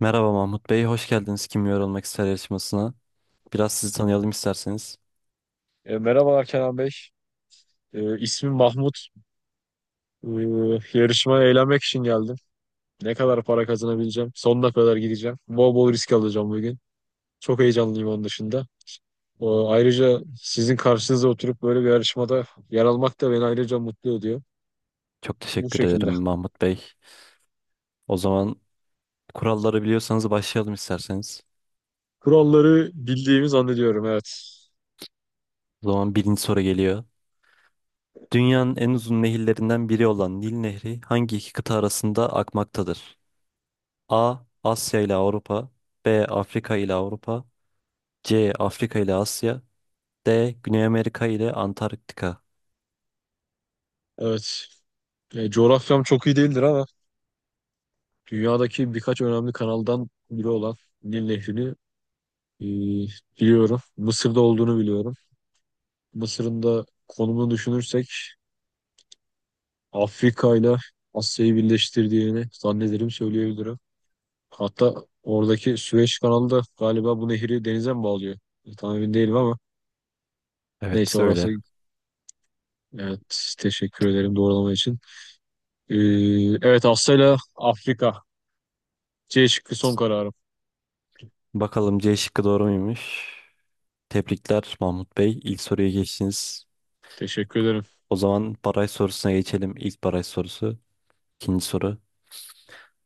Merhaba Mahmut Bey, hoş geldiniz Kim Yorulmak İster yarışmasına. Biraz sizi tanıyalım isterseniz. Merhabalar Kenan Bey. İsmim Mahmut. E, Yarışmaya eğlenmek için geldim. Ne kadar para kazanabileceğim? Sonuna kadar gideceğim. Bol bol risk alacağım bugün. Çok heyecanlıyım onun dışında. O, ayrıca sizin karşınıza oturup böyle bir yarışmada yer almak da beni ayrıca mutlu ediyor. Çok Bu teşekkür ederim şekilde. Mahmut Bey. O zaman kuralları biliyorsanız başlayalım isterseniz. Kuralları bildiğimi zannediyorum, evet. O zaman birinci soru geliyor. Dünyanın en uzun nehirlerinden biri olan Nil Nehri hangi iki kıta arasında akmaktadır? A. Asya ile Avrupa B. Afrika ile Avrupa C. Afrika ile Asya D. Güney Amerika ile Antarktika Evet. Coğrafyam çok iyi değildir ama dünyadaki birkaç önemli kanaldan biri olan Nil Nehri'ni e, biliyorum. Mısır'da olduğunu biliyorum. Mısır'ın da konumunu düşünürsek Afrika ile Asya'yı birleştirdiğini zannederim söyleyebilirim. Hatta oradaki Süveyş kanalı da galiba bu nehri denize mi bağlıyor? Tam emin değilim ama Evet neyse orası, öyle. evet, teşekkür ederim doğrulama için. Ee, evet, Asya ile Afrika, C şıkkı son kararım. Bakalım C şıkkı doğru muymuş? Tebrikler Mahmut Bey. İlk soruya geçtiniz. Teşekkür ederim. O zaman baraj sorusuna geçelim. İlk baraj sorusu. İkinci soru.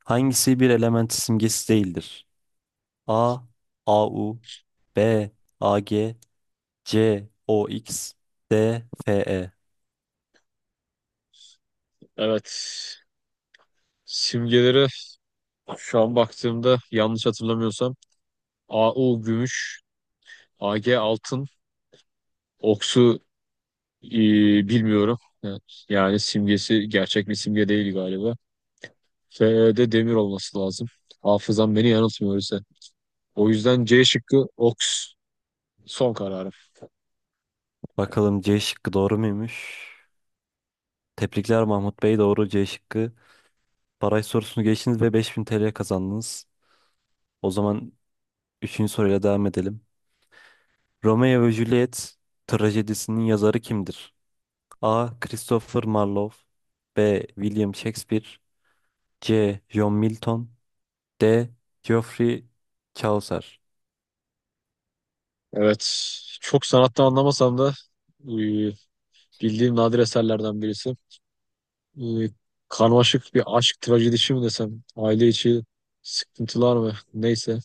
Hangisi bir element simgesi değildir? A. AU B. AG C. OX D. FE Evet, simgeleri şu an baktığımda yanlış hatırlamıyorsam AU gümüş, AG altın, Oksu Ee, bilmiyorum. Yani, simgesi gerçek bir simge değil galiba. F'de demir olması lazım. Hafızam beni yanıltmıyor öyleyse. O yüzden C şıkkı Oks son kararım. Bakalım C şıkkı doğru muymuş? Tebrikler Mahmut Bey. Doğru C şıkkı. Baraj sorusunu geçtiniz ve 5000 TL kazandınız. O zaman üçüncü soruyla devam edelim. Romeo ve Juliet trajedisinin yazarı kimdir? A. Christopher Marlowe B. William Shakespeare C. John Milton D. Geoffrey Chaucer Evet. Çok sanattan anlamasam da e, bildiğim nadir eserlerden birisi. e, Karmaşık bir aşk trajedisi mi desem, aile içi sıkıntılar mı neyse.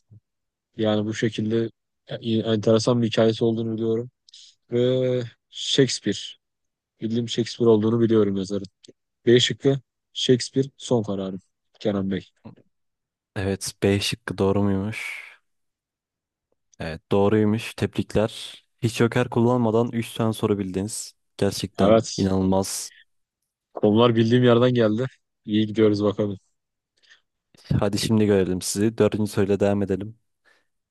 Yani bu şekilde e, enteresan bir hikayesi olduğunu biliyorum. Ve Shakespeare, bildiğim Shakespeare olduğunu biliyorum yazarın. B şıkkı Shakespeare son kararım Kenan Bey. Evet B şıkkı doğru muymuş? Evet doğruymuş. Tebrikler. Hiç joker kullanmadan 3 tane soru bildiniz. Gerçekten Evet, inanılmaz. konular bildiğim yerden geldi. İyi gidiyoruz bakalım. Hadi şimdi görelim sizi. Dördüncü soruyla devam edelim.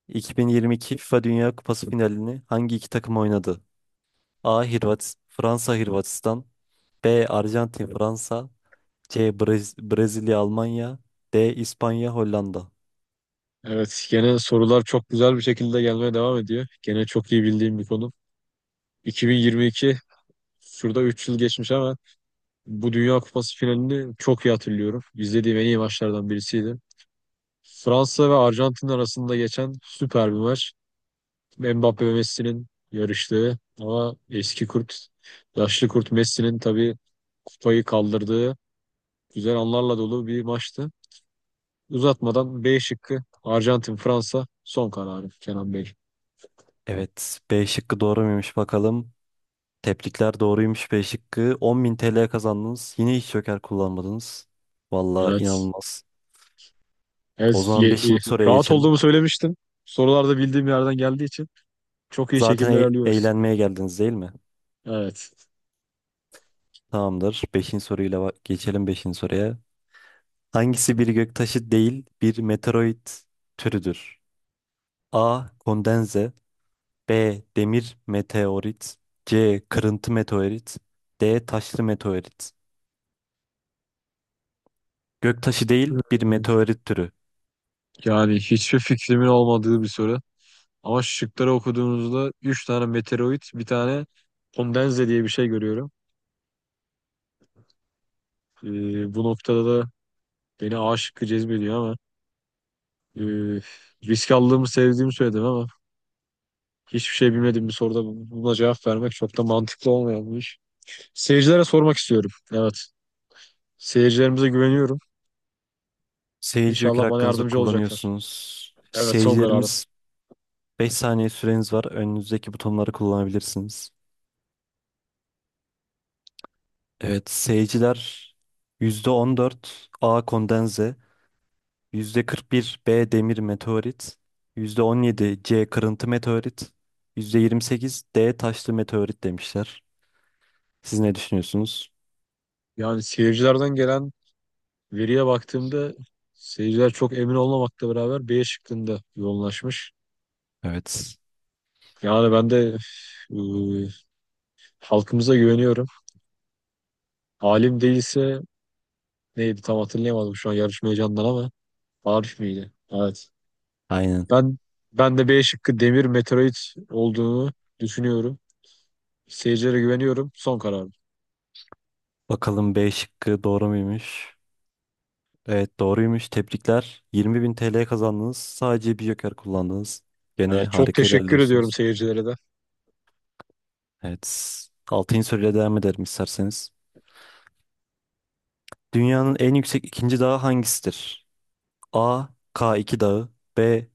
2022 FIFA Dünya Kupası finalini hangi iki takım oynadı? A. Hırvat Fransa Hırvatistan B. Arjantin Fransa C. Brezilya, Almanya. D. İspanya, Hollanda. Evet, gene sorular çok güzel bir şekilde gelmeye devam ediyor. Gene çok iyi bildiğim bir konu. 2022, şurada 3 yıl geçmiş ama bu Dünya Kupası finalini çok iyi hatırlıyorum. İzlediğim en iyi maçlardan birisiydi. Fransa ve Arjantin arasında geçen süper bir maç. Mbappe ve Messi'nin yarıştığı ama eski kurt, yaşlı kurt Messi'nin tabii kupayı kaldırdığı güzel anlarla dolu bir maçtı. Uzatmadan B şıkkı Arjantin-Fransa son kararı Kenan Bey. Evet, B şıkkı doğru muymuş bakalım. Tebrikler doğruymuş B şıkkı. 10.000 TL kazandınız. Yine hiç joker kullanmadınız. Vallahi Evet. inanılmaz. O Evet, ye- zaman e, beşinci soruya Rahat geçelim. olduğumu söylemiştim. Sorularda bildiğim yerden geldiği için çok iyi Zaten şekilde ilerliyoruz. eğlenmeye geldiniz değil mi? Evet. Tamamdır. Beşinci soruyla geçelim beşinci soruya. Hangisi bir göktaşı değil bir meteoroid türüdür? A. Kondenze B. Demir meteorit. C. Kırıntı meteorit. D. Taşlı meteorit. Göktaşı değil bir Ee, meteorit türü. Yani hiçbir fikrimin olmadığı bir soru. Ama şıkları okuduğunuzda 3 tane meteoroid, bir tane kondenze diye bir şey görüyorum. Bu noktada da beni A şıkkı cezbediyor ama e, risk aldığımı sevdiğimi söyledim ama hiçbir şey bilmediğim bir soruda buna cevap vermek çok da mantıklı olmayan bir iş. Seyircilere sormak istiyorum. Evet. Seyircilerimize güveniyorum. Seyirci joker İnşallah bana hakkınızı yardımcı olacaklar. kullanıyorsunuz. Evet, son kararım. Seyircilerimiz 5 saniye süreniz var. Önünüzdeki butonları kullanabilirsiniz. Evet seyirciler %14 A. Kondenze. %41 B. Demir meteorit. %17 C. Kırıntı meteorit. %28 D. Taşlı meteorit demişler. Siz ne düşünüyorsunuz? Yani seyircilerden gelen veriye baktığımda seyirciler çok emin olmamakla beraber B şıkkında yoğunlaşmış. Evet. Yani ben de e, halkımıza güveniyorum. Alim değilse neydi tam hatırlayamadım şu an yarışma heyecanından ama Arif miydi? Evet. Aynen. Ben ben de B şıkkı demir meteorit olduğunu düşünüyorum. Seyircilere güveniyorum. Son karar. Bakalım B şıkkı doğru muymuş? Evet doğruymuş. Tebrikler. 20.000 TL kazandınız. Sadece bir joker kullandınız. Gene Evet, çok harika teşekkür ediyorum ilerliyorsunuz. seyircilere de. Evet. Altıncı soruyla devam edelim isterseniz. Dünyanın en yüksek ikinci dağı hangisidir? A. k iki Dağı B.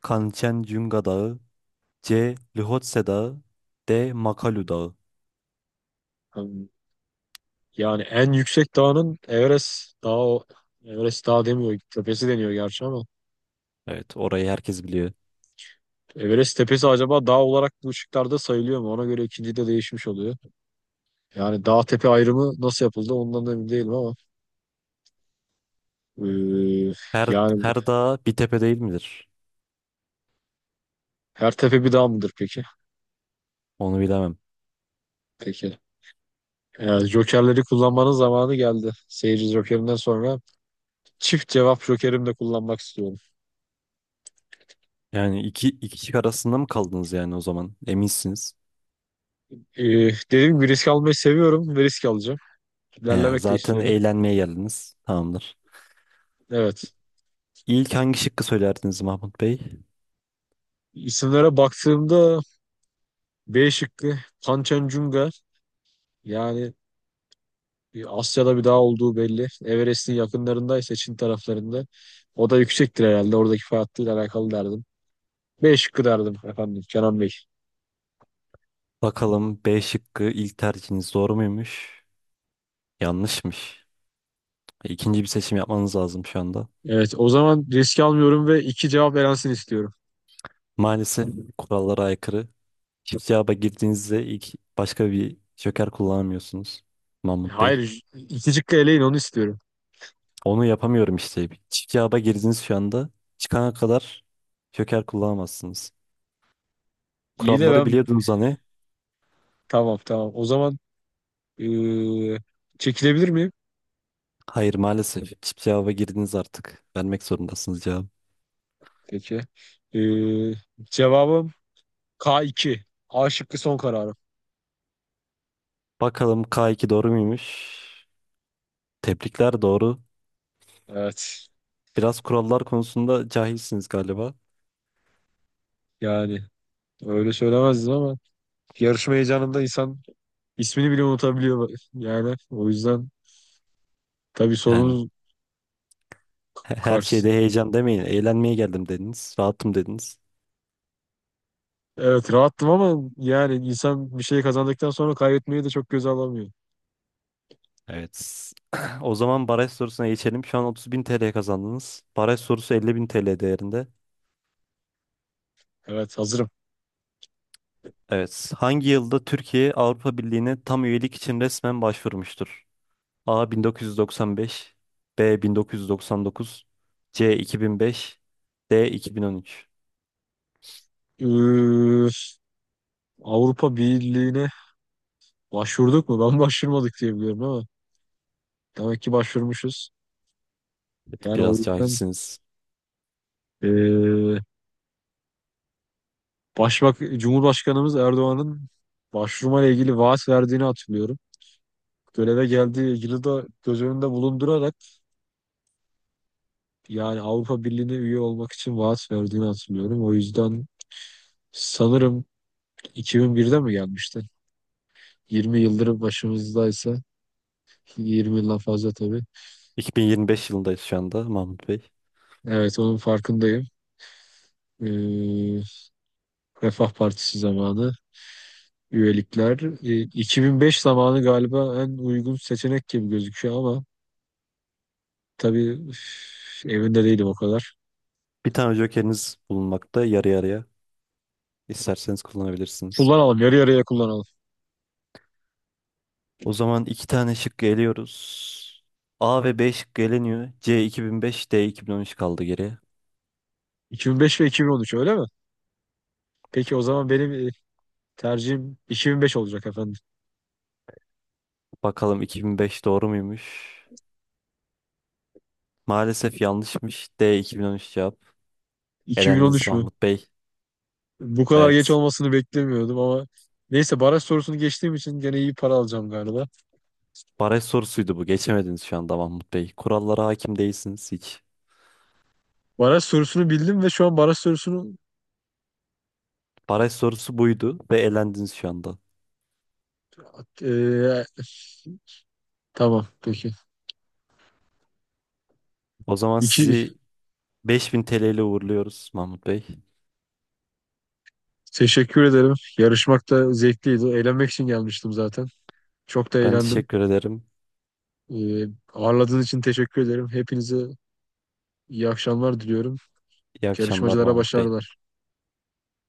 Kanchenjunga Dağı C. Lhotse Dağı D. Makalu Dağı Em, Yani en yüksek dağının Everest dağı, Everest dağı demiyor, tepesi deniyor gerçi ama. Evet orayı herkes biliyor. Everest tepesi acaba dağ olarak bu ışıklarda sayılıyor mu? Ona göre ikinci de değişmiş oluyor. Yani dağ tepe ayrımı nasıl yapıldı ondan da emin değilim ama. eee, Her, Yani her dağ bir tepe değil midir? her tepe bir dağ mıdır peki? Onu bilemem. Peki. Yani jokerleri kullanmanın zamanı geldi. Seyirci Joker'inden sonra çift cevap Joker'imi de kullanmak istiyorum. Yani iki kişi arasında mı kaldınız yani o zaman? Eminsiniz. Ee, Dediğim gibi risk almayı seviyorum ve risk alacağım. He, İlerlemek de zaten istiyorum. eğlenmeye geldiniz. Tamamdır. Evet. İlk hangi şıkkı söylerdiniz Mahmut Bey? İsimlere baktığımda B şıkkı Kanchenjunga, yani bir Asya'da bir dağ olduğu belli. Everest'in yakınlarındaysa Çin taraflarında. O da yüksektir herhalde. Oradaki farklıyla alakalı derdim. B şıkkı derdim efendim Kenan Bey. Bakalım B şıkkı ilk tercihiniz doğru muymuş? Yanlışmış. İkinci bir seçim yapmanız lazım şu anda. Evet, o zaman risk almıyorum ve iki cevap elensin istiyorum. Maalesef kurallara aykırı. Çift cevaba girdiğinizde ilk başka bir joker kullanamıyorsunuz Mahmut Bey. Hayır, iki cıkka eleyin onu istiyorum. Onu yapamıyorum işte. Çift cevaba girdiniz şu anda. Çıkana kadar joker kullanamazsınız. İyi de Kuralları ben, biliyordunuz hani. tamam tamam. O zaman eee, çekilebilir miyim? Hayır maalesef. Çift cevaba girdiniz artık. Vermek zorundasınız cevabı. Peki. Eee, Cevabım K2. A şıkkı son kararım. Bakalım K2 doğru muymuş? Tebrikler doğru. Evet. Biraz kurallar konusunda cahilsiniz galiba. Yani öyle söylemezdim ama yarışma heyecanında insan ismini bile unutabiliyor. Yani o yüzden tabii Yani sorunuz her şeyde karşısında. heyecan demeyin. Eğlenmeye geldim dediniz. Rahatım dediniz. Evet, rahattım ama yani insan bir şey kazandıktan sonra kaybetmeyi de çok göze alamıyor. Evet. O zaman baraj sorusuna geçelim. Şu an 30 bin TL kazandınız. Baraj sorusu 50 bin TL değerinde. Evet, hazırım. Evet. Hangi yılda Türkiye Avrupa Birliği'ne tam üyelik için resmen başvurmuştur? A 1995, B 1999, C 2005, D 2013. Eee, Avrupa Birliği'ne başvurduk mu? Ben başvurmadık diye biliyorum ama demek ki başvurmuşuz. Evet, Yani o biraz yüzden cahilsiniz. eee Başbak Cumhurbaşkanımız Erdoğan'ın başvurmayla ilgili vaat verdiğini hatırlıyorum. Göreve geldiği yılı da göz önünde bulundurarak, yani Avrupa Birliği'ne üye olmak için vaat verdiğini hatırlıyorum. O yüzden sanırım 2001'de mi gelmişti? 20 yıldır başımızdaysa, 20 yıldan fazla tabii. 2025 yılındayız şu anda Mahmut Bey. Evet, onun farkındayım. Eee Refah Partisi zamanı, üyelikler. 2005 zamanı galiba en uygun seçenek gibi gözüküyor ama tabii üf, evinde değilim o kadar. Bir tane jokeriniz bulunmakta yarı yarıya. İsterseniz kullanabilirsiniz. Kullanalım, yarı yarıya kullanalım. O zaman iki tane şık geliyoruz. A ve B şıkkı eleniyor. C 2005, D 2013 kaldı geriye. 2005 ve 2013, öyle mi? Peki o zaman benim tercihim 2005 olacak efendim. Bakalım 2005 doğru muymuş? Maalesef yanlışmış. D 2013 cevap. Elendiniz 2013 mü? Mahmut Bey. Bu kadar geç Evet. olmasını beklemiyordum ama neyse, baraj sorusunu geçtiğim için gene iyi para alacağım galiba. Baraj sorusuydu bu. Geçemediniz şu anda Mahmut Bey. Kurallara hakim değilsiniz hiç. Baraj sorusunu bildim ve şu an baraj sorusunu Baraj sorusu buydu ve elendiniz şu anda. e, tamam peki. O zaman sizi 5000 TL ile uğurluyoruz Mahmut Bey. Teşekkür ederim. Yarışmak da zevkliydi. Eğlenmek için gelmiştim zaten. Çok da Ben eğlendim. teşekkür ederim. Ee, Ağırladığın için teşekkür ederim. Hepinize iyi akşamlar diliyorum. İyi akşamlar Yarışmacılara Mahmut Bey. başarılar.